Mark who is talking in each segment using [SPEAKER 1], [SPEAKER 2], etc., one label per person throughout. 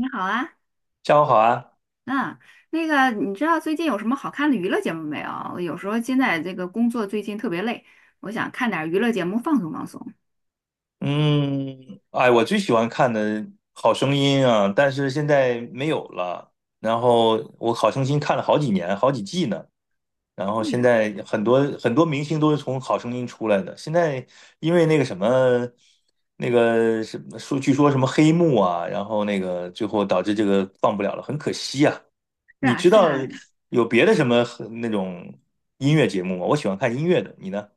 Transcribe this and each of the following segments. [SPEAKER 1] 你好啊，
[SPEAKER 2] 下午好啊。
[SPEAKER 1] 嗯，那个，你知道最近有什么好看的娱乐节目没有？我有时候现在这个工作最近特别累，我想看点儿娱乐节目放松放松。
[SPEAKER 2] 我最喜欢看的《好声音》啊，但是现在没有了。然后我《好声音》看了好几年，好几季呢。然后
[SPEAKER 1] 对
[SPEAKER 2] 现
[SPEAKER 1] 呀，
[SPEAKER 2] 在很多很多明星都是从《好声音》出来的。现在因为那个什么说，据说什么黑幕啊，然后那个最后导致这个放不了了，很可惜啊。
[SPEAKER 1] 是
[SPEAKER 2] 你
[SPEAKER 1] 啊，
[SPEAKER 2] 知
[SPEAKER 1] 是
[SPEAKER 2] 道
[SPEAKER 1] 啊，
[SPEAKER 2] 有别的什么那种音乐节目吗？我喜欢看音乐的，你呢？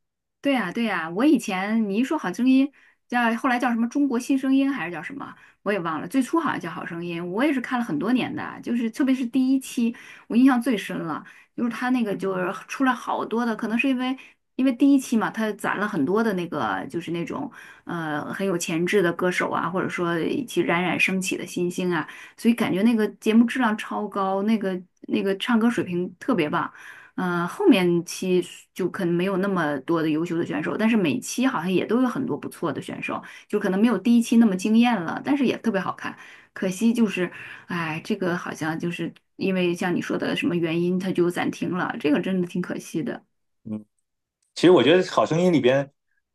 [SPEAKER 1] 对呀，对呀，我以前你一说《好声音》，后来叫什么《中国新声音》还是叫什么，我也忘了。最初好像叫《好声音》，我也是看了很多年的，就是特别是第一期，我印象最深了，就是他那个就是出来好多的，可能是因为第一期嘛，他攒了很多的那个就是那种很有潜质的歌手啊，或者说一起冉冉升起的新星啊，所以感觉那个节目质量超高，那个唱歌水平特别棒。后面期就可能没有那么多的优秀的选手，但是每期好像也都有很多不错的选手，就可能没有第一期那么惊艳了，但是也特别好看。可惜就是，哎，这个好像就是因为像你说的什么原因，它就暂停了，这个真的挺可惜的。
[SPEAKER 2] 其实我觉得《好声音》里边，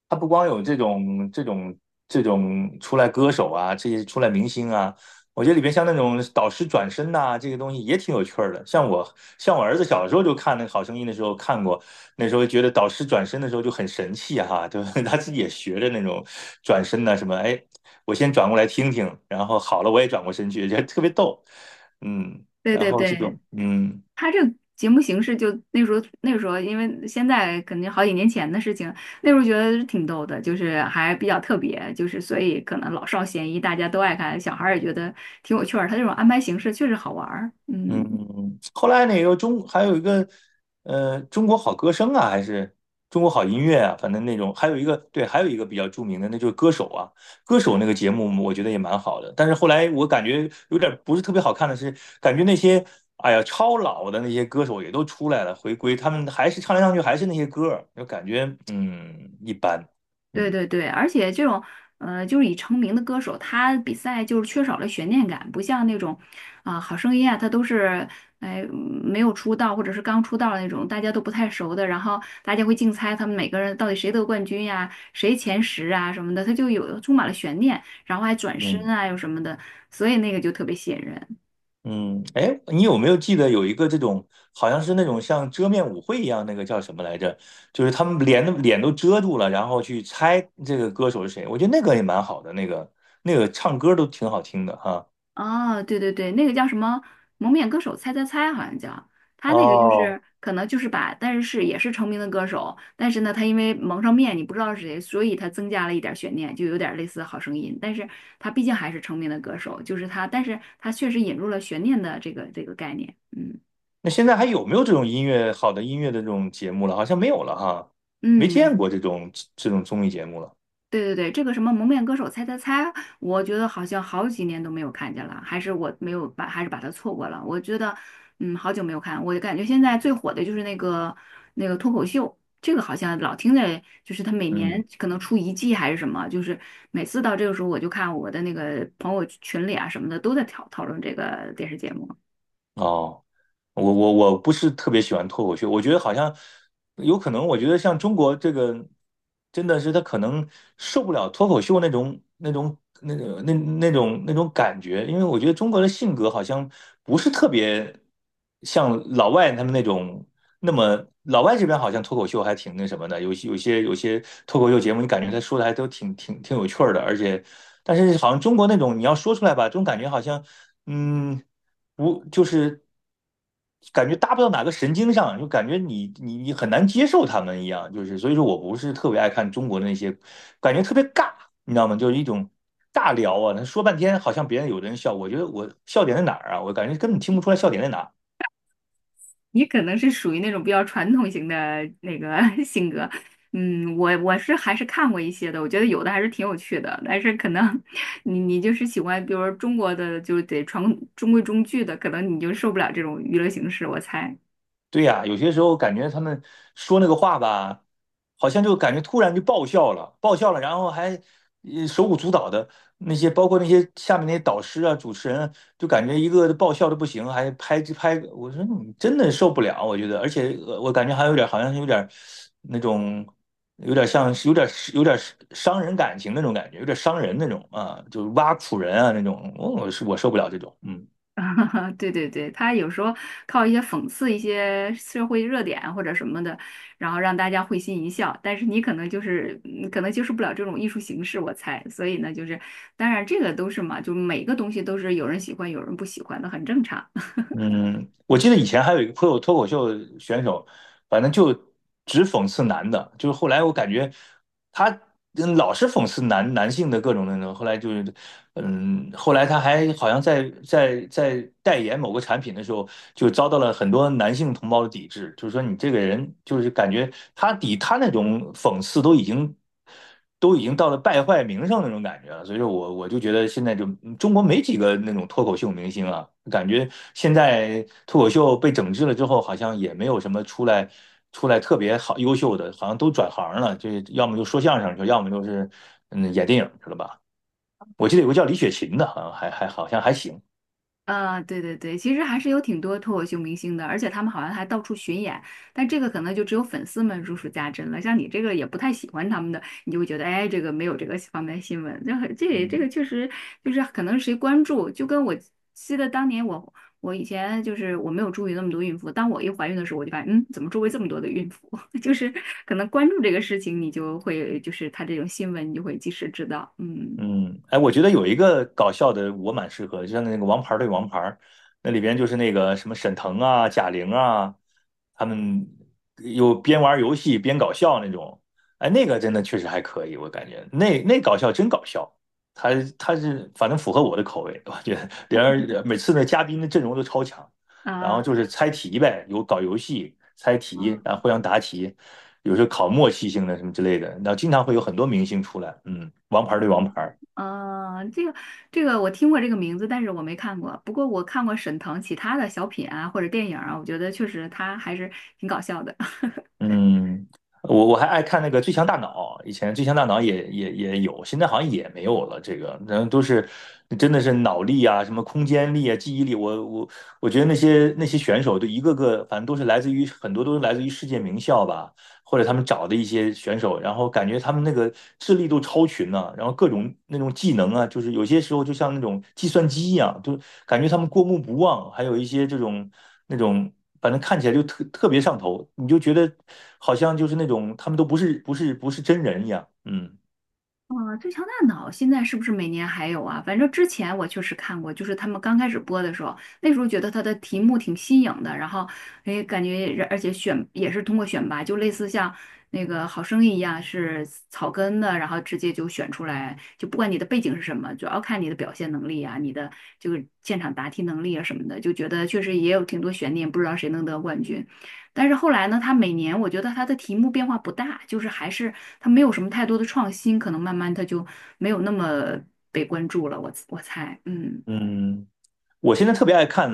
[SPEAKER 2] 它不光有这种出来歌手啊，这些出来明星啊，我觉得里边像那种导师转身呐、这个东西也挺有趣儿的。像我儿子小时候就看那个《好声音》的时候看过，那时候觉得导师转身的时候就很神气哈、就 他自己也学着那种转身呐、什么，哎，我先转过来听听，然后好了我也转过身去，觉得特别逗。嗯，
[SPEAKER 1] 对
[SPEAKER 2] 然
[SPEAKER 1] 对
[SPEAKER 2] 后这
[SPEAKER 1] 对。
[SPEAKER 2] 种嗯。
[SPEAKER 1] 他这个节目形式就那时候，因为现在肯定好几年前的事情，那时候觉得挺逗的，就是还比较特别，就是所以可能老少咸宜，大家都爱看，小孩儿也觉得挺有趣儿。他这种安排形式确实好玩儿，嗯。
[SPEAKER 2] 嗯，后来那个中还有一个，中国好歌声啊，还是中国好音乐啊，反正那种，还有一个对，还有一个比较著名的，那就是歌手啊，歌手那个节目我觉得也蛮好的，但是后来我感觉有点不是特别好看的是，感觉那些哎呀超老的那些歌手也都出来了回归，他们还是唱来唱去还是那些歌儿就感觉一般。
[SPEAKER 1] 对
[SPEAKER 2] 嗯。
[SPEAKER 1] 对对，而且这种，就是已成名的歌手，他比赛就是缺少了悬念感，不像那种，啊、好声音啊，他都是，哎，没有出道或者是刚出道的那种，大家都不太熟的，然后大家会竞猜他们每个人到底谁得冠军呀、谁前十啊什么的，他就有充满了悬念，然后还转身
[SPEAKER 2] 嗯。
[SPEAKER 1] 啊又什么的，所以那个就特别吸引人。
[SPEAKER 2] 嗯，哎，你有没有记得有一个这种，好像是那种像遮面舞会一样，那个叫什么来着？就是他们脸都遮住了，然后去猜这个歌手是谁。我觉得那个也蛮好的，那个那个唱歌都挺好听的哈。
[SPEAKER 1] 哦，对对对，那个叫什么《蒙面歌手猜猜猜》，好像叫他那个，就
[SPEAKER 2] 哦，
[SPEAKER 1] 是可能就是把，但是也是成名的歌手，但是呢，他因为蒙上面，你不知道是谁，所以他增加了一点儿悬念，就有点儿类似《好声音》，但是他毕竟还是成名的歌手，就是他，但是他确实引入了悬念的这个概念，嗯
[SPEAKER 2] 那现在还有没有这种音乐好的音乐的这种节目了？好像没有了哈，没
[SPEAKER 1] 嗯，
[SPEAKER 2] 见过这种综艺节目了。
[SPEAKER 1] 对对对，这个什么《蒙面歌手猜猜猜》，我觉得好像好几年都没有看见了，还是我没有把，还是把它错过了。我觉得，好久没有看，我感觉现在最火的就是那个脱口秀，这个好像老听着，就是他每年
[SPEAKER 2] 嗯，
[SPEAKER 1] 可能出一季还是什么，就是每次到这个时候我就看我的那个朋友群里啊什么的都在讨论这个电视节目。
[SPEAKER 2] 哦。我不是特别喜欢脱口秀，我觉得好像有可能，我觉得像中国这个，真的是他可能受不了脱口秀那种感觉，因为我觉得中国的性格好像不是特别像老外他们那种那么，老外这边好像脱口秀还挺那什么的，有些脱口秀节目，你感觉他说的还都挺有趣儿的，而且但是好像中国那种你要说出来吧，这种感觉好像嗯。无就是感觉搭不到哪个神经上，就感觉你很难接受他们一样，就是所以说我不是特别爱看中国的那些，感觉特别尬，你知道吗？就是一种尬聊啊，他说半天好像别人有的人笑，我觉得我笑点在哪儿啊？我感觉根本听不出来笑点在哪儿。
[SPEAKER 1] 你可能是属于那种比较传统型的那个 性格，我是还是看过一些的，我觉得有的还是挺有趣的，但是可能 你就是喜欢，比如说中国的，就是中规中矩的，可能你就受不了这种娱乐形式，我猜。
[SPEAKER 2] 对呀，有些时候感觉他们说那个话吧，好像就感觉突然就爆笑了，然后还手舞足蹈的那些，包括那些下面那些导师啊、主持人啊就感觉一个个爆笑的不行，还拍拍，我说你真的受不了，我觉得，而且我感觉还有点好像有点那种，有点像是有点伤人感情那种感觉，有点伤人那种啊，就是挖苦人啊那种，我是我受不了这种。嗯。
[SPEAKER 1] 对对对，他有时候靠一些讽刺一些社会热点或者什么的，然后让大家会心一笑。但是你可能就是，可能接受不了这种艺术形式，我猜。所以呢，就是，当然这个都是嘛，就每个东西都是有人喜欢，有人不喜欢的，很正常。
[SPEAKER 2] 嗯，我记得以前还有一个脱口秀选手，反正就只讽刺男的，就是后来我感觉他老是讽刺男性的各种那种，后来就是后来他还好像在代言某个产品的时候，就遭到了很多男性同胞的抵制，就是说你这个人就是感觉他抵他那种讽刺都已经到了败坏名声那种感觉了，所以说我就觉得现在就中国没几个那种脱口秀明星啊，感觉现在脱口秀被整治了之后，好像也没有什么出来特别好优秀的，好像都转行了，就要么就说相声去，要么就是演电影去了吧。我记得有个叫李雪琴的，好像还还好像还行。
[SPEAKER 1] 啊，对对对，其实还是有挺多脱口秀明星的，而且他们好像还到处巡演，但这个可能就只有粉丝们如数家珍了。像你这个也不太喜欢他们的，你就会觉得，哎，这个没有这个方面新闻，这很这也这个
[SPEAKER 2] 嗯。
[SPEAKER 1] 确实就是可能谁关注，就跟我记得当年我以前就是我没有注意那么多孕妇，当我一怀孕的时候，我就发现，怎么周围这么多的孕妇？就是可能关注这个事情，你就会就是他这种新闻，你就会及时知道
[SPEAKER 2] 嗯，哎，我觉得有一个搞笑的我蛮适合的，就像那个《王牌对王牌》，那里边就是那个什么沈腾啊、贾玲啊，他们有边玩游戏边搞笑那种。哎，那个真的确实还可以，我感觉那搞笑真搞笑，他他是反正符合我的口味，我觉得连而每次的嘉宾的阵容都超强，然后
[SPEAKER 1] 啊。
[SPEAKER 2] 就是猜题呗，有搞游戏猜题，然后互相答题，有时候考默契性的什么之类的，然后经常会有很多明星出来。嗯，王牌对王牌。
[SPEAKER 1] 嗯，这个这个我听过这个名字，但是我没看过。不过我看过沈腾其他的小品啊，或者电影啊，我觉得确实他还是挺搞笑的。
[SPEAKER 2] 嗯，我还爱看那个《最强大脑》，以前《最强大脑也》也有，现在好像也没有了，这个，然后都是真的是脑力啊，什么空间力啊，记忆力，我觉得那些选手都一个个，反正都是来自于很多都是来自于世界名校吧。或者他们找的一些选手，然后感觉他们那个智力都超群呢、然后各种那种技能啊，就是有些时候就像那种计算机一样，就感觉他们过目不忘，还有一些这种那种，反正看起来就特别上头，你就觉得好像就是那种他们都不是真人一样。嗯。
[SPEAKER 1] 啊，最强大脑现在是不是每年还有啊？反正之前我确实看过，就是他们刚开始播的时候，那时候觉得它的题目挺新颖的，然后哎，感觉而且选也是通过选拔，就类似像那个《好声音》一样是草根的，然后直接就选出来，就不管你的背景是什么，主要看你的表现能力啊，你的这个现场答题能力啊什么的，就觉得确实也有挺多悬念，不知道谁能得冠军。但是后来呢，它每年我觉得它的题目变化不大，就是还是它没有什么太多的创新，可能慢慢它就没有那么被关注了。我猜，
[SPEAKER 2] 嗯。我现在特别爱看，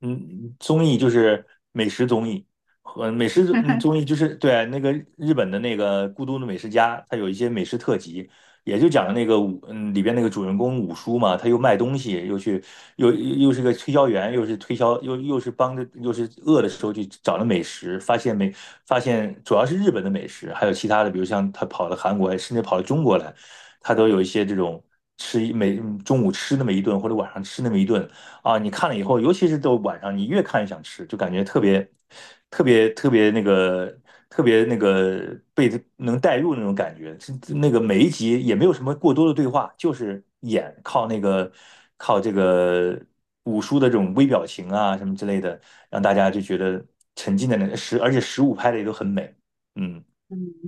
[SPEAKER 2] 嗯，综艺就是美食综艺和美食综艺，就是对那个日本的那个《孤独的美食家》，它有一些美食特辑，也就讲那个里边那个主人公五叔嘛，他又卖东西，又去又又是个推销员，又是帮着又是饿的时候去找了美食，发现主要是日本的美食，还有其他的，比如像他跑到韩国，甚至跑到中国来，他都有一些这种。吃一每嗯中午吃那么一顿，或者晚上吃那么一顿，啊，你看了以后，尤其是到晚上，你越看越想吃，就感觉特别、特别、特别那个、特别那个被能带入那种感觉。是那个每一集也没有什么过多的对话，就是演靠这个五叔的这种微表情啊什么之类的，让大家就觉得沉浸在那个十，而且十五拍的也都很美。嗯。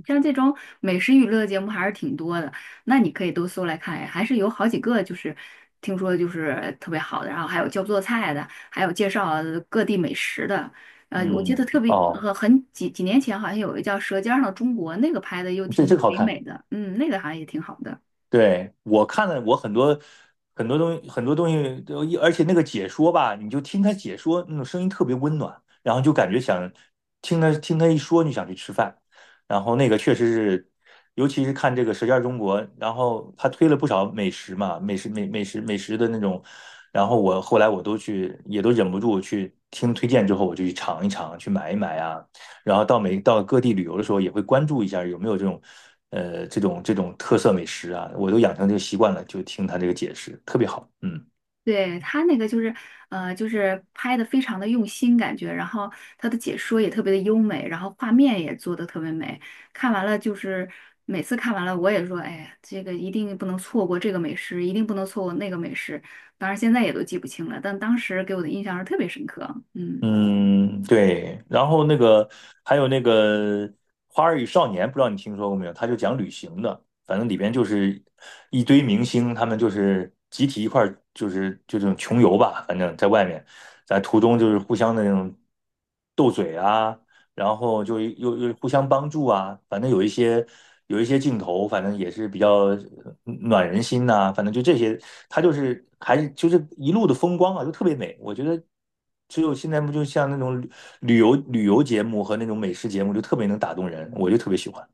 [SPEAKER 1] 像这种美食娱乐节目还是挺多的，那你可以都搜来看呀还是有好几个就是听说就是特别好的，然后还有教做菜的，还有介绍各地美食的。我
[SPEAKER 2] 嗯，
[SPEAKER 1] 记得特别
[SPEAKER 2] 哦，
[SPEAKER 1] 很几年前好像有一个叫《舌尖上的中国》，那个拍的又
[SPEAKER 2] 这
[SPEAKER 1] 挺
[SPEAKER 2] 这个好
[SPEAKER 1] 唯
[SPEAKER 2] 看。
[SPEAKER 1] 美的，那个好像也挺好的。
[SPEAKER 2] 对，我看了，我很多东西都而且那个解说吧，你就听他解说，那种声音特别温暖，然后就感觉想听他一说，你想去吃饭。然后那个确实是，尤其是看这个《舌尖中国》，然后他推了不少美食嘛，美食的那种，然后后来我都去，也都忍不住去听推荐之后，我就去尝一尝，去买一买啊。然后到每到各地旅游的时候，也会关注一下有没有这种，这种特色美食啊，我都养成这个习惯了，就听他这个解释，特别好。嗯。
[SPEAKER 1] 对，他那个就是，就是拍的非常的用心感觉，然后他的解说也特别的优美，然后画面也做的特别美。看完了就是每次看完了，我也说，哎呀，这个一定不能错过这个美食，一定不能错过那个美食。当然现在也都记不清了，但当时给我的印象是特别深刻。嗯
[SPEAKER 2] 嗯，对。然后那个还有那个《花儿与少年》，不知道你听说过没有？他就讲旅行的，反正里边就是一堆明星，他们就是集体一块儿，就是就这种穷游吧，反正在外面，在途中就是互相的那种斗嘴啊。然后就互相帮助啊，反正有一些镜头，反正也是比较暖人心呐、反正就这些，他就是还是就是一路的风光啊，就特别美。我觉得只有现在不就像那种旅游节目和那种美食节目，就特别能打动人，我就特别喜欢。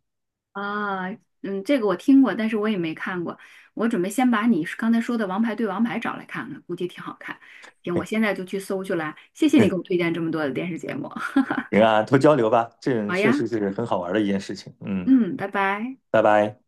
[SPEAKER 1] 啊，这个我听过，但是我也没看过。我准备先把你刚才说的《王牌对王牌》找来看看，估计挺好看。行，我现在就去搜去了。谢谢你给我 推荐这么多的电视节目。
[SPEAKER 2] 行啊，多交流吧，这
[SPEAKER 1] 好
[SPEAKER 2] 确
[SPEAKER 1] 呀，
[SPEAKER 2] 实是很好玩的一件事情。嗯，
[SPEAKER 1] 嗯，拜拜。
[SPEAKER 2] 拜拜。